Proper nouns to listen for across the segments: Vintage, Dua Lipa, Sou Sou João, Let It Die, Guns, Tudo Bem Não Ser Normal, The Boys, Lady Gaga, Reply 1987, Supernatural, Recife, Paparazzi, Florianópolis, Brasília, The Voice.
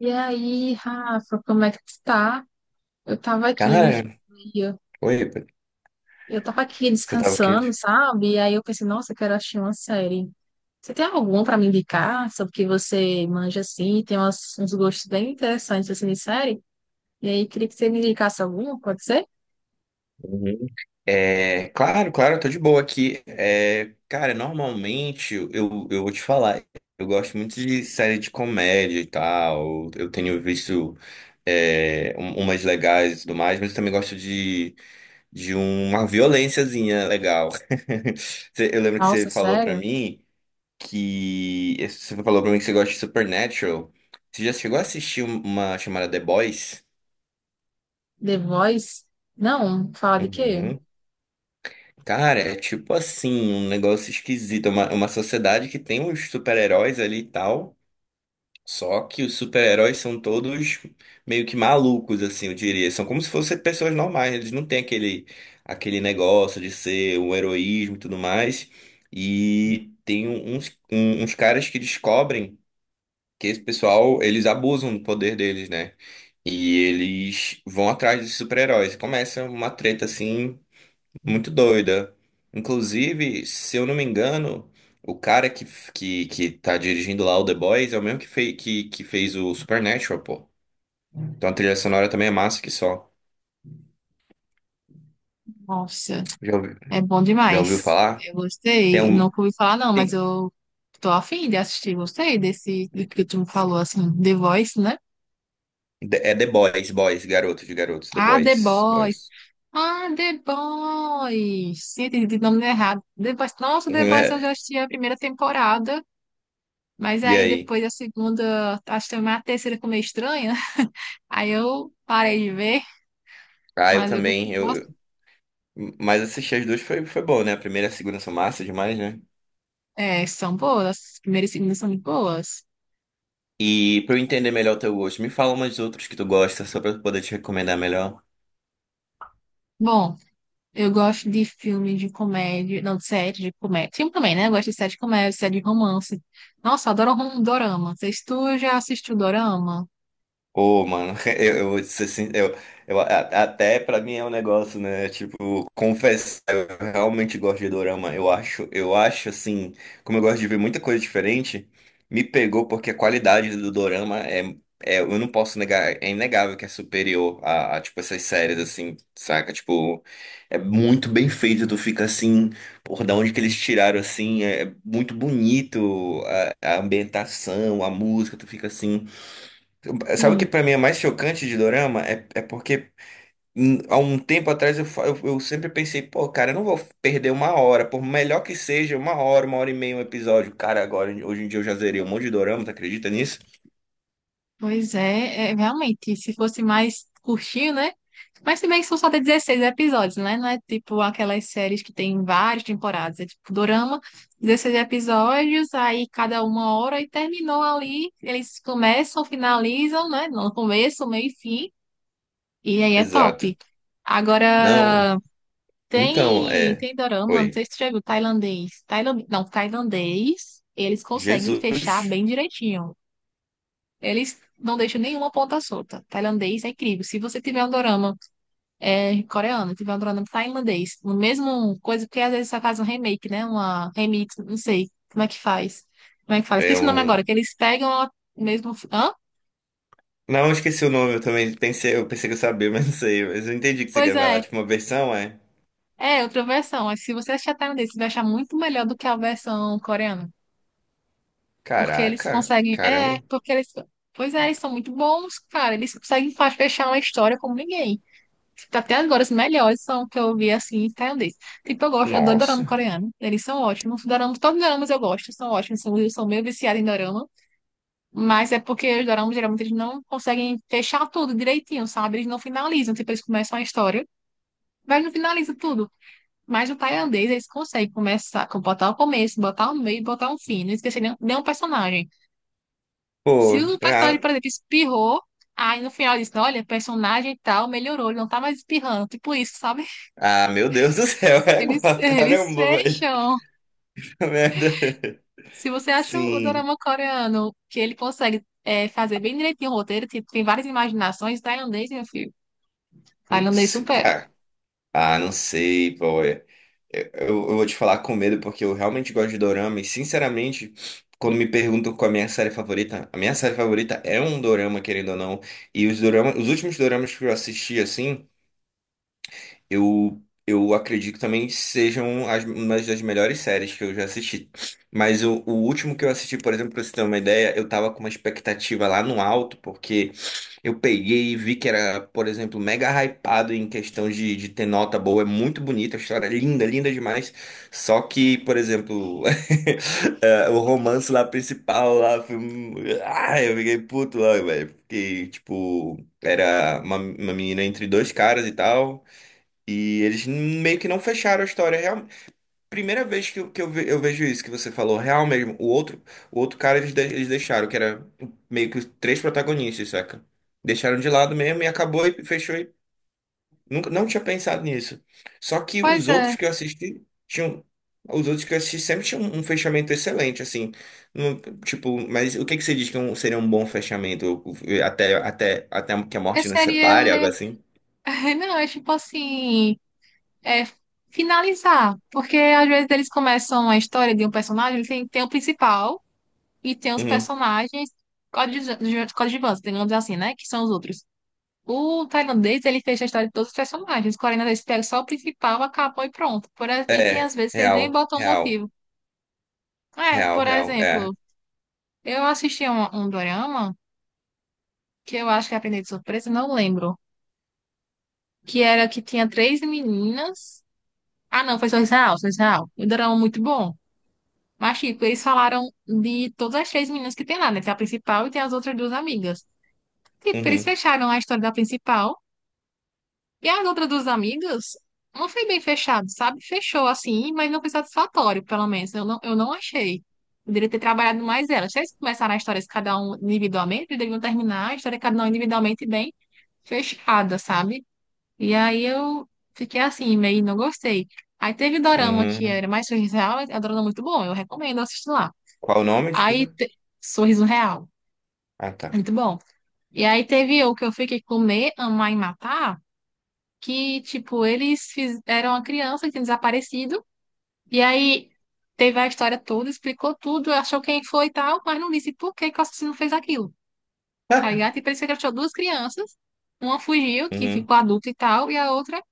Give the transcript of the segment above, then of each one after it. E aí, Rafa, como é que tu tá? Eu tava aqui, Cara, e eu, oi, eu tava aqui você tava descansando, quente? sabe? E aí eu pensei, nossa, eu quero assistir uma série. Você tem alguma pra me indicar? Sobre o que você manja assim, tem uns gostos bem interessantes assim de série. E aí, queria que você me indicasse alguma, pode ser? Uhum. É, claro, claro, eu tô de boa aqui. É, cara, normalmente eu, eu vou te falar, eu gosto muito de série de comédia e tal. Eu tenho visto umas legais e tudo mais, mas eu também gosto de uma violênciazinha legal. Eu lembro que você Nossa, falou pra sério? mim que. Você falou pra mim que você gosta de Supernatural. Você já chegou a assistir uma chamada The Boys? The Voice? Não, fala de quê? Uhum. Cara, é tipo assim, um negócio esquisito. É uma sociedade que tem uns super-heróis ali e tal. Só que os super-heróis são todos meio que malucos, assim, eu diria. São como se fossem pessoas normais. Eles não têm aquele, aquele negócio de ser um heroísmo e tudo mais. E tem uns caras que descobrem que esse pessoal, eles abusam do poder deles, né? E eles vão atrás desses super-heróis. Começa uma treta assim. Muito doida. Inclusive, se eu não me engano, o cara que tá dirigindo lá o The Boys é o mesmo que fez o Supernatural, pô. Então a trilha sonora também é massa que só. Nossa, Já ouviu, é bom já ouviu demais. falar? Eu Tem gostei. um. Nunca ouvi falar, não, mas Tem, eu tô afim de assistir. Gostei desse do que tu me falou, sim. assim, The Voice, né? É The Boys, Boys, garotos de garotos, The Ah, The Boys, Boys. Boys. Ah, The Boys. Sim, entendi o nome errado. The Boys. Nossa, The Boys eu já É, assisti a primeira temporada, mas e aí aí? depois a segunda, acho que também a terceira ficou meio estranha. Aí eu parei de ver, Ah, eu mas eu também. gostei. Nossa, Mas assistir as duas foi bom, né? A primeira e a segunda são massa demais, né? é, são boas. As primeiras e segundas são muito boas. E pra eu entender melhor o teu gosto, me fala umas outras que tu gosta, só pra eu poder te recomendar melhor. Bom. Eu gosto de filme de comédia, não, de série de comédia. Filme também, né? Eu gosto de série de comédia, série de romance. Nossa, eu adoro dorama. Vocês, tu já assistiu dorama? Ô, mano, eu vou te ser sin- eu, a- até pra mim é um negócio, né? Tipo, confessar, eu realmente gosto de dorama. Eu acho assim, como eu gosto de ver muita coisa diferente, me pegou porque a qualidade do dorama é, eu não posso negar, é inegável que é superior a, tipo, essas séries, assim, saca? Tipo, é muito bem feito, tu fica assim, por da onde que eles tiraram, assim, é muito bonito a ambientação, a música, tu fica assim. Sabe o que Sim, pra mim é mais chocante de dorama? É, porque há um tempo atrás eu sempre pensei, pô, cara, eu não vou perder uma hora, por melhor que seja, uma hora e meia um episódio. Cara, agora, hoje em dia eu já zerei um monte de dorama, tu acredita nisso? pois é, é, realmente, se fosse mais curtinho, né? Mas se bem que são só de 16 episódios, né? Não é tipo aquelas séries que tem várias temporadas. É tipo dorama, 16 episódios, aí cada uma hora e terminou ali. Eles começam, finalizam, né? No começo, meio e fim. E aí é Exato. top. Não, Agora. então, Tem, é. tem dorama, não Oi. sei se tu já viu, tailandês. Tailand, não, tailandês, eles conseguem Jesus fechar bem direitinho. Eles não deixam nenhuma ponta solta. Tailandês é incrível. Se você tiver um dorama é, coreano, tiver um dorama tailandês, no mesmo coisa, porque às vezes só faz um remake, né? Uma remix, não sei como é que faz. Como é que faz? é Esqueci o nome agora, um. que eles pegam a mesmo. Hã? Não, eu esqueci o nome, eu pensei que eu sabia, mas não sei. Mas eu entendi o que você Pois quer falar. é, Tipo, uma versão é. é outra versão. Mas se você achar tailandês, você vai achar muito melhor do que a versão coreana. Porque eles Caraca, conseguem. É, caramba. porque eles. Pois é, eles são muito bons, cara. Eles conseguem fechar uma história como ninguém. Tipo, até agora, os melhores são que eu vi assim, tailandês. Tipo, eu gosto, eu adoro dorama Nossa. coreano. Eles são ótimos. Doramas, todos os doramas eu gosto, são ótimos. São, eu sou meio viciada em dorama. Mas é porque os doramas geralmente eles não conseguem fechar tudo direitinho, sabe? Eles não finalizam. Tipo, eles começam a história, mas não finalizam tudo. Mas o tailandês, eles conseguem começar, botar o começo, botar o meio, botar um fim. Não esquecer nenhum personagem. Pô, Se o ah, personagem, por exemplo, espirrou, aí no final diz, olha, personagem e tal melhorou, ele não tá mais espirrando. Tipo isso, sabe? ah, meu Deus do céu, é igual, Eles caramba, velho. fecham. Merda. Se você acha o Sim. dorama coreano que ele consegue é, fazer bem direitinho o roteiro, tipo, tem várias imaginações, tailandês, meu filho. Tailandês Putz, supera. cara. Ah, não sei, pô. Eu vou te falar com medo, porque eu realmente gosto de dorama. E, sinceramente, quando me perguntam qual é a minha série favorita, a minha série favorita é um dorama, querendo ou não. Os últimos doramas que eu assisti, assim. Eu acredito que também que sejam uma das melhores séries que eu já assisti. Mas o último que eu assisti, por exemplo, pra você ter uma ideia, eu tava com uma expectativa lá no alto, porque eu peguei e vi que era, por exemplo, mega hypado em questão de ter nota boa. É muito bonita, a história é linda, linda demais. Só que, por exemplo, é, o romance lá principal lá foi. Ah, eu fiquei puto lá, velho. Fiquei, tipo, era uma menina entre dois caras e tal. E eles meio que não fecharam a história real. Primeira vez que eu vejo isso que você falou, real mesmo. O outro cara eles deixaram, que era meio que os três protagonistas, saca? Deixaram de lado mesmo e acabou e fechou. E nunca, não tinha pensado nisso. Só que Pois os outros é. que eu assisti tinham. Os outros que eu assisti sempre tinham um fechamento excelente, assim. Não- tipo, mas o que que você diz que é seria um bom fechamento? Até que a É morte nos série, separe, algo ele... assim? Não, é tipo assim... É finalizar. Porque às vezes eles começam a história de um personagem, tem o principal, e tem os Uhum. personagens coadjuvantes, coadjuvantes, digamos assim, né? Que são os outros. O tailandês, ele fez a história de todos os personagens. O coreano pega só o principal, acabou e pronto. Por, e tem É, às vezes que eles nem real, botam um real. motivo. É, Real, por real, é. exemplo, eu assisti um dorama que eu acho que aprendi de surpresa, não lembro. Que era que tinha três meninas. Ah, não, foi só Israel, só Israel. O dorama muito bom. Mas, tipo, eles falaram de todas as três meninas que tem lá, né? Tem a principal e tem as outras duas amigas. Tipo, eles Uhum, fecharam a história da principal. E as outras duas amigas, não foi bem fechado, sabe? Fechou assim, mas não foi satisfatório, pelo menos. Eu não achei. Poderia ter trabalhado mais elas. Se eles começaram a história cada um individualmente, eles deveriam terminar a história cada um individualmente bem fechada, sabe? E aí eu fiquei assim, meio não gostei. Aí teve dorama que uhum. era mais Sorriso Real, é um dorama muito bom, eu recomendo assistir lá. Qual o nome? Aí, Desculpa. Sorriso Real, Ah, tá. muito bom. E aí teve o que eu fiquei Comer, Amar e Matar que, tipo, eles eram uma criança que tinha desaparecido, e aí teve a história toda, explicou tudo, achou quem foi e tal, mas não disse por que que o assassino fez aquilo, tá ligado? E parece que ele achou duas crianças, uma fugiu, que Uhum. ficou adulta e tal, e a outra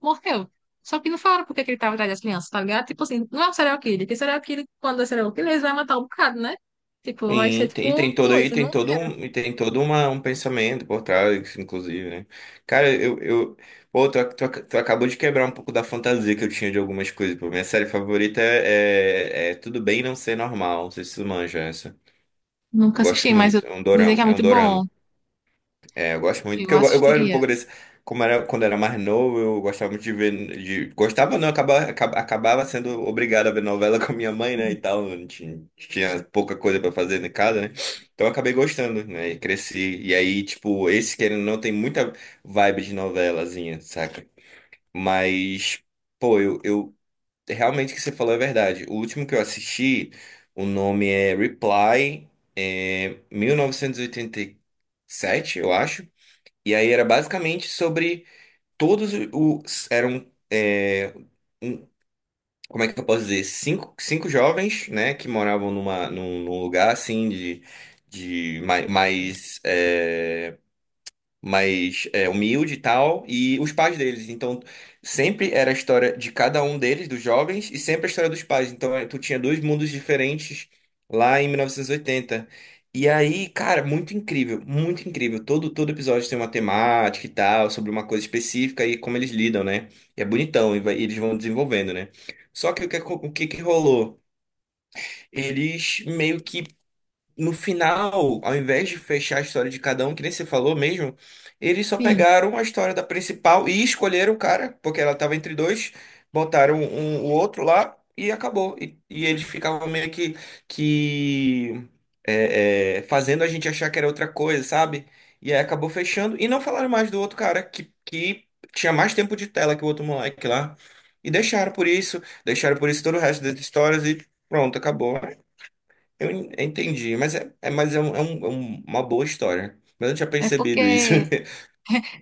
morreu. Só que não falaram por que que ele tava atrás das crianças, tá ligado? Tipo assim, não é o serial killer, porque serial killer, quando é serial killer, eles vão matar um bocado, né? Tipo, vai ser tipo uma E coisa, tem não? todo um pensamento por trás, inclusive, né? Cara, pô, tu acabou de quebrar um pouco da fantasia que eu tinha de algumas coisas. Pô, minha série favorita é Tudo Bem Não Ser Normal. Não sei se tu manja essa. Eu Nunca assisti, gosto mas eu... muito. É um dizem dorama, que é é um muito dorama. bom, É, eu gosto muito, eu porque eu gosto um assistiria. pouco desse. Como era, quando era mais novo, eu gostava muito de ver. De, gostava, não, acabava sendo obrigado a ver novela com a minha mãe, né? E tal. Não. Tinha pouca coisa pra fazer em casa, né? Então eu acabei gostando, né? E cresci. E aí, tipo, esse querendo ou não tem muita vibe de novelazinha, saca? Mas, pô, eu realmente o que você falou é verdade. O último que eu assisti, o nome é Reply, é 1987 eu acho. E aí era basicamente sobre todos os. Eram. Um- Como é que eu posso dizer? Cinco jovens, né? Que moravam num lugar assim de mais, é, mas é, humilde e tal, e os pais deles. Então, sempre era a história de cada um deles, dos jovens, e sempre a história dos pais. Então, é, tu tinha dois mundos diferentes lá em 1980. E oitenta. E aí, cara, muito incrível, muito incrível. Todo episódio tem uma temática e tal, sobre uma coisa específica e como eles lidam, né? E é bonitão, e eles vão desenvolvendo, né? Só que o que que rolou? Eles meio que no final, ao invés de fechar a história de cada um, que nem você falou mesmo, eles só Sim, pegaram a história da principal e escolheram o cara, porque ela tava entre dois, botaram um, o outro lá e acabou. E eles ficavam meio que fazendo a gente achar que era outra coisa, sabe? E aí acabou fechando e não falaram mais do outro cara que tinha mais tempo de tela que o outro moleque lá. E deixaram por isso todo o resto das histórias e pronto, acabou. Eu entendi, mas uma boa história. Mas eu não tinha é percebido isso. porque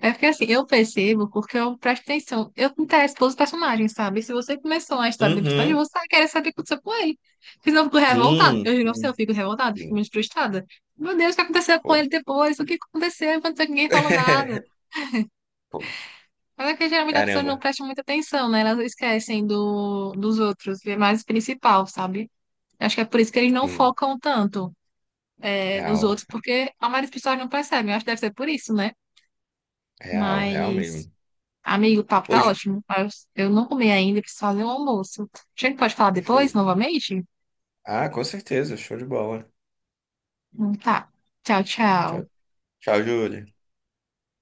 é porque assim, eu percebo porque eu presto atenção. Eu me interesso pelos personagens, sabe? Se você começou a história do personagem, Uhum. você vai querer saber o que aconteceu com ele. Senão eu fico revoltada. Eu Sim, juro pra você, eu sim, fico revoltada, fico sim. muito frustrada. Meu Deus, o que aconteceu com Pô. ele depois? O que aconteceu? Enquanto ninguém falou nada. Pô, Mas é que geralmente as pessoas não caramba. prestam muita atenção, né? Elas esquecem dos outros, é mais o principal, sabe? Acho que é por isso que eles não Sim, focam tanto, é, nos real, outros, porque a maioria das pessoas não percebem. Eu acho que deve ser por isso, né? real, real Mas. mesmo. Amigo, o papo tá Hoje, ótimo, mas eu não comi ainda, preciso fazer o almoço. A gente pode falar show. depois, novamente? Ah, com certeza, show de bola. Tá. Tchau, Tchau, tchau. tchau, Júlia.